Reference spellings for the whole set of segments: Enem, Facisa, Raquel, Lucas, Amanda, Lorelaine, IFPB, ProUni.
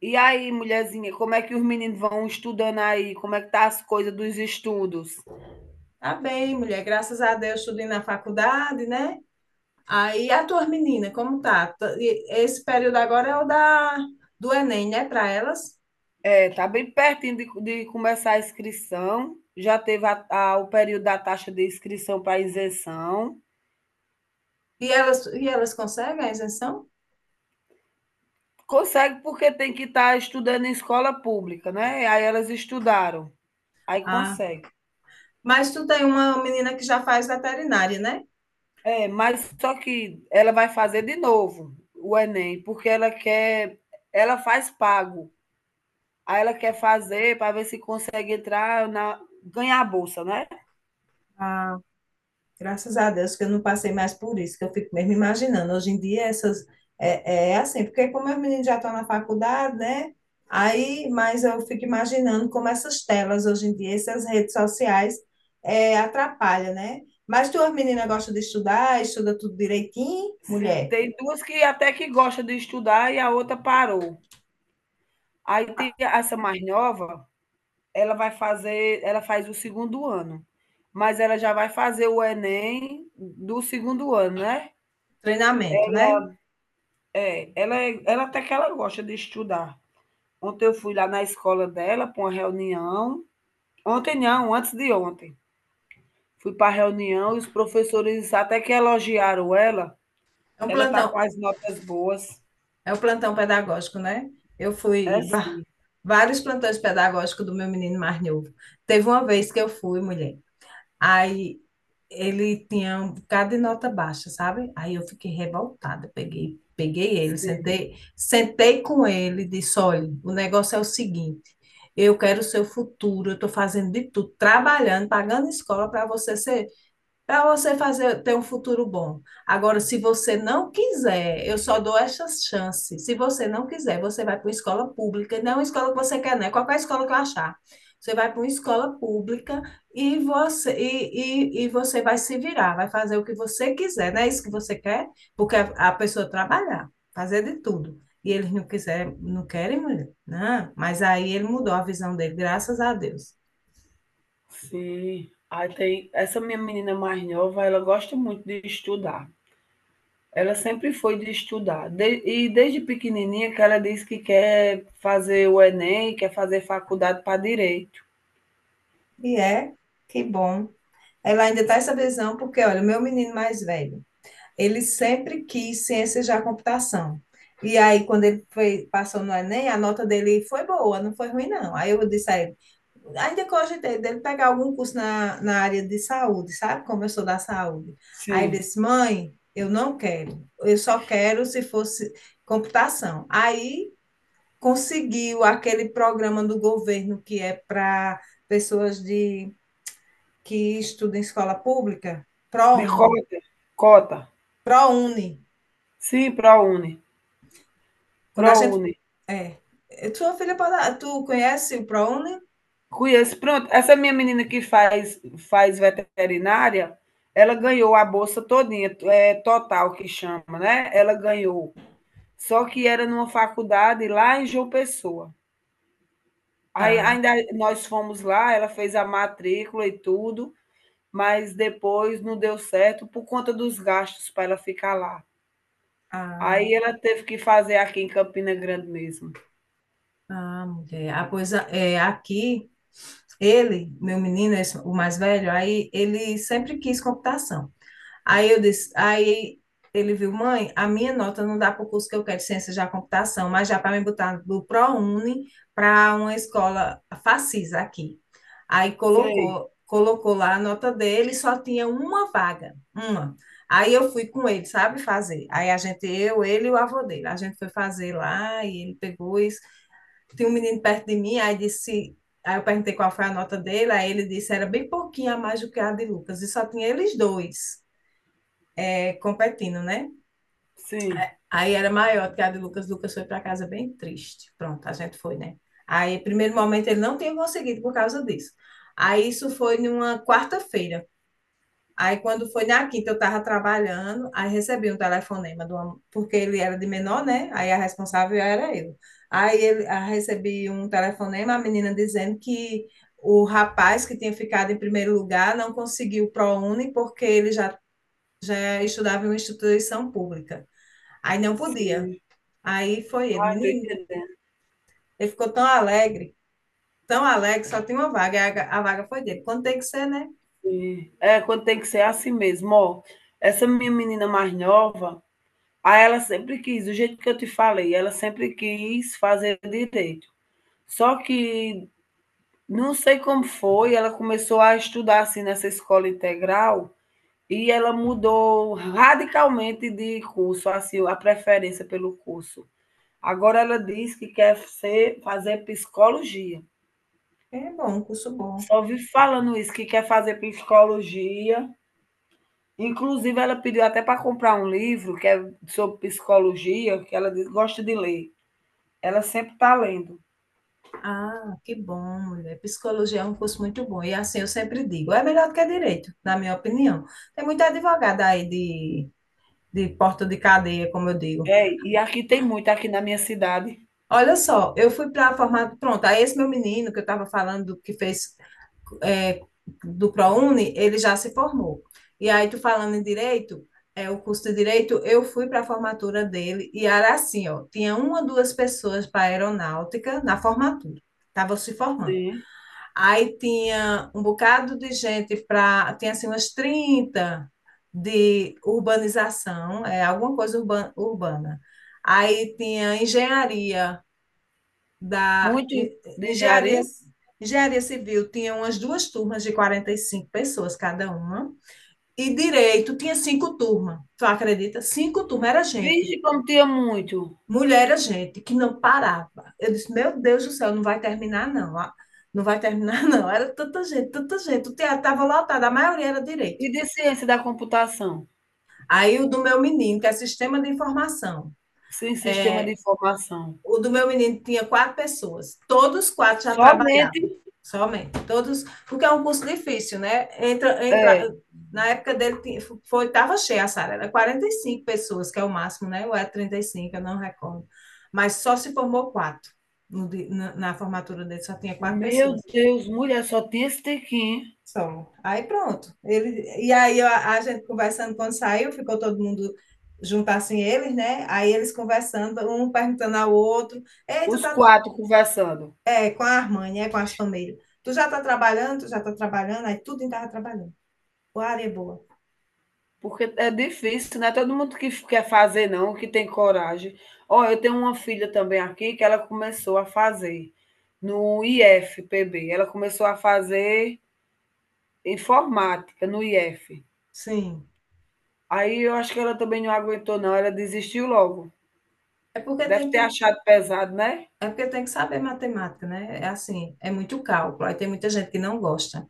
E aí, mulherzinha, como é que os meninos vão estudando aí? Como é que tá as coisas dos estudos? Tá bem, mulher. Graças a Deus, tudo indo na faculdade, né? Aí a tua menina, como tá? Esse período agora é o da do Enem, né, para elas? É, tá bem pertinho de começar a inscrição. Já teve o período da taxa de inscrição para isenção. E elas conseguem a isenção? Consegue porque tem que estar estudando em escola pública, né? Aí elas estudaram, aí Ah, consegue. mas tu tem uma menina que já faz veterinária, né? É, mas só que ela vai fazer de novo o Enem, porque ela quer, ela faz pago. Aí ela quer fazer para ver se consegue entrar na, ganhar a bolsa, né? Ah, graças a Deus que eu não passei mais por isso, que eu fico mesmo imaginando. Hoje em dia essas é assim, porque como os meninos já estão na faculdade, né? Aí, mas eu fico imaginando como essas telas hoje em dia, essas redes sociais atrapalham, né? Mas tuas meninas gostam de estudar, estuda tudo direitinho, Sim, mulher. tem duas que até que gosta de estudar e a outra parou. Aí tem essa mais nova, ela faz o segundo ano, mas ela já vai fazer o Enem do segundo ano, né. Treinamento, né? É, ela até que ela gosta de estudar. Ontem eu fui lá na escola dela para uma reunião, ontem não, antes de ontem. Fui pra reunião e os professores até que elogiaram ela, É um ela está com plantão, as notas boas. é um plantão pedagógico, né? Eu É, fui va- sim, Vários plantões pedagógicos do meu menino mais novo. Teve uma vez que eu fui, mulher. Aí ele tinha um bocado de nota baixa, sabe? Aí eu fiquei revoltada, peguei, peguei ele, sim. sentei, sentei com ele e disse, olha, o negócio é o seguinte, eu quero o seu futuro, eu estou fazendo de tudo, trabalhando, pagando escola para você fazer ter um futuro bom. Agora, se você não quiser, eu só dou essas chances. Se você não quiser, você vai para uma escola pública, não é uma escola que você quer, né? Qualquer escola que eu achar. Você vai para uma escola pública e você, e você vai se virar, vai fazer o que você quiser, não é isso que você quer? Porque a pessoa trabalhar, fazer de tudo. E eles não quiser, não querem mulher, né? Mas aí ele mudou a visão dele, graças a Deus. Sim. Aí tem essa minha menina mais nova, ela gosta muito de estudar. Ela sempre foi de estudar. E desde pequenininha que ela diz que quer fazer o Enem, quer fazer faculdade para direito. E é, que bom. Ela ainda está essa visão, porque, olha, meu menino mais velho, ele sempre quis ciências da computação. E aí, quando ele foi, passou no Enem, a nota dele foi boa, não foi ruim, não. Aí eu disse a ele, ainda cogitei dele pegar algum curso na, na área de saúde, sabe? Como eu sou da saúde. Aí ele Sim. disse, mãe, eu não quero, eu só quero se fosse computação. Aí conseguiu aquele programa do governo que é para pessoas de que estuda em escola pública, De ProUni, cota. Cota. ProUni. Sim, ProUni. Quando a gente ProUni. é, tua filha pode, tu conhece o ProUni? Conheço. Pronto, essa minha menina que faz veterinária, ela ganhou a bolsa todinha, é total que chama, né? Ela ganhou. Só que era numa faculdade lá em João Pessoa. Aí Ah, ainda nós fomos lá, ela fez a matrícula e tudo, mas depois não deu certo por conta dos gastos para ela ficar lá. ah, Aí ela teve que fazer aqui em Campina Grande mesmo. ah, mulher. Ah, pois é, aqui ele, meu menino, o mais velho, aí ele sempre quis computação. Aí eu disse, aí ele viu, mãe, a minha nota não dá para o curso que eu quero de ciências da computação, mas já para me botar do ProUni para uma escola Facisa aqui. Aí Sei, colocou, colocou lá a nota dele, só tinha uma vaga, uma. Aí eu fui com ele, sabe fazer. Aí a gente, eu, ele e o avô dele, a gente foi fazer lá e ele pegou isso. Tinha um menino perto de mim, aí disse, aí eu perguntei qual foi a nota dele, aí ele disse era bem pouquinho a mais do que a de Lucas, e só tinha eles dois. É, competindo, né? sim, Aí era maior que a de Lucas. Lucas foi para casa bem triste. Pronto, a gente foi, né? Aí, primeiro momento, ele não tinha conseguido por causa disso. Aí, isso foi numa quarta-feira. Aí, quando foi na quinta, eu estava trabalhando, aí recebi um telefonema, porque ele era de menor, né? Aí a responsável era eu. Aí recebi um telefonema, a menina dizendo que o rapaz que tinha ficado em primeiro lugar não conseguiu o ProUni porque ele já estudava em uma instituição pública. Aí não podia. sim. Aí foi ele, Ah, tô menino. entendendo, Ele ficou tão alegre, só tinha uma vaga. A vaga foi dele. Quando tem que ser, né? sim. É, quando tem que ser assim mesmo, ó, essa minha menina mais nova, aí ela sempre quis, do jeito que eu te falei, ela sempre quis fazer direito. Só que, não sei como foi, ela começou a estudar assim nessa escola integral e ela mudou radicalmente de curso, assim, a preferência pelo curso. Agora ela diz que quer ser, fazer psicologia. É bom, um curso bom. Só vi falando isso, que quer fazer psicologia. Inclusive, ela pediu até para comprar um livro que é sobre psicologia, que ela diz- gosta de ler. Ela sempre está lendo. Ah, que bom, mulher. Psicologia é um curso muito bom. E assim eu sempre digo, é melhor do que direito, na minha opinião. Tem muita advogada aí de porta de cadeia, como eu digo. É, e aqui tem muito, aqui na minha cidade. Olha só, eu fui para a formatura. Pronto, aí esse meu menino que eu estava falando que fez é, do ProUni, ele já se formou. E aí, tu falando em direito, é, o curso de direito, eu fui para a formatura dele e era assim, ó, tinha uma ou duas pessoas para aeronáutica na formatura, estavam se formando. Sim. Aí tinha um bocado de gente para, tinha assim umas 30 de urbanização, é alguma coisa urbana. Aí tinha engenharia, da Muito de engenharia, engenharia. engenharia civil tinha umas duas turmas de 45 pessoas cada uma, e direito tinha cinco turmas. Tu acredita? Cinco turmas era gente, Vixe, como tinha muito. mulher era gente, que não parava. Eu disse, meu Deus do céu, não vai terminar, não. Ah, não vai terminar, não. Era tanta gente, tanta gente. O teatro estava lotado, a maioria era direito. E de ciência da computação? Aí o do meu menino, que é sistema de informação. Sem sistema de É, informação. o do meu menino tinha quatro pessoas. Todos quatro já Somente trabalhavam, somente. Todos, porque é um curso difícil, né? Entra, entra, é. na época dele tinha- foi, estava cheia a sala, era 45 pessoas, que é o máximo, né? Ou é 35, eu não recordo. Mas só se formou quatro. No di- na, na formatura dele só tinha quatro Meu pessoas. Deus, mulher, só tinha esse tequinho, Só. Aí pronto. Ele, e aí a gente conversando quando saiu, ficou todo mundo junto assim, eles, né? Aí eles conversando, um perguntando ao outro. Ei, tu os tá quatro conversando, é, com a Armani, é com as famílias. Tu já tá trabalhando, tu já tá trabalhando, aí tudo em tava trabalhando. O área é boa. porque é difícil, não é todo mundo que quer fazer não, que tem coragem. Olha, eu tenho uma filha também aqui que ela começou a fazer no IFPB, ela começou a fazer informática no IF. Sim. Aí eu acho que ela também não aguentou não, ela desistiu logo. É porque Deve tem ter que, achado pesado, né? é porque tem que saber matemática, né? É assim, é muito cálculo. Aí tem muita gente que não gosta.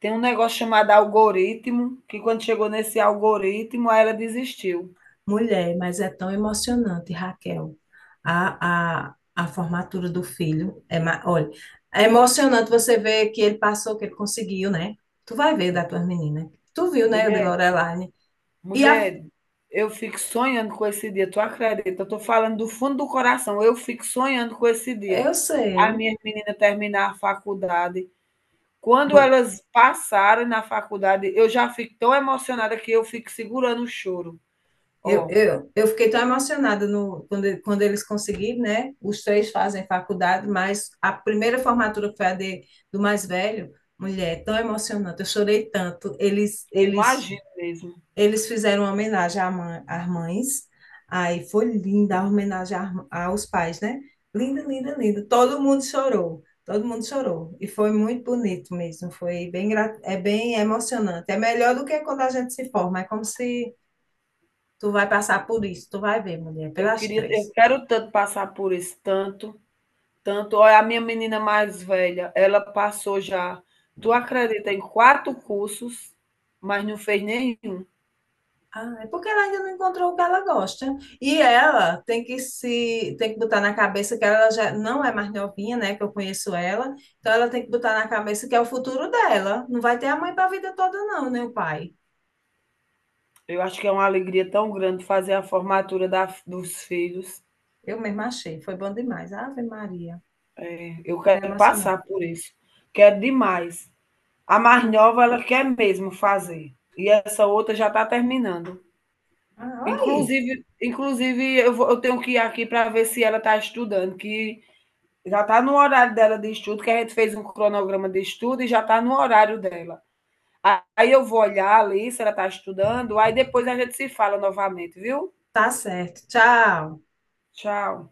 Tem um negócio chamado algoritmo, que quando chegou nesse algoritmo, aí ela desistiu. Mulher, mas é tão emocionante, Raquel. A formatura do filho é, olha, é emocionante você ver que ele passou, que ele conseguiu, né? Tu vai ver da tua menina. Tu viu, né, de Mulher, Lorelaine? E a, mulher, eu fico sonhando com esse dia, tu acredita? Eu tô falando do fundo do coração, eu fico sonhando com esse dia. eu As sei. minhas meninas terminar a faculdade. Quando elas passaram na faculdade, eu já fico tão emocionada que eu fico segurando o choro. Eu, Ó, eu, eu fiquei tão emocionada no, quando, quando eles conseguiram, né? Os três fazem faculdade, mas a primeira formatura que foi do mais velho, mulher, tão emocionante, eu chorei tanto. Eles, eu eles, imagino mesmo. eles fizeram uma homenagem às mães, aí foi linda a homenagem aos pais, né? Linda, linda, linda. Todo mundo chorou, todo mundo chorou. E foi muito bonito mesmo, foi bem, é bem emocionante. É melhor do que quando a gente se forma, é como se tu vai passar por isso, tu vai ver, mulher, Eu pelas queria, eu três. quero tanto passar por isso, tanto. Tanto, olha, a minha menina mais velha, ela passou já, tu acredita, em 4 cursos, mas não fez nenhum. Ah, é porque ela ainda não encontrou o que ela gosta. E ela tem que se, tem que botar na cabeça que ela já não é mais novinha, né? Que eu conheço ela. Então ela tem que botar na cabeça que é o futuro dela. Não vai ter a mãe para a vida toda, não, né, o pai? Eu acho que é uma alegria tão grande fazer a formatura da dos filhos. Eu mesma achei, foi bom demais. Ave Maria, Eh, eu é quero emocionante. passar por isso, quero demais. A mais nova, ela quer mesmo fazer, e essa outra já está terminando. Ah, oi. Inclusive, eu tenho que ir aqui para ver se ela está estudando, que já está no horário dela de estudo, que a gente fez um cronograma de estudo e já está no horário dela. Aí eu vou olhar ali se ela está estudando, aí depois a gente se fala novamente, viu? Tá certo. Tchau. Tchau.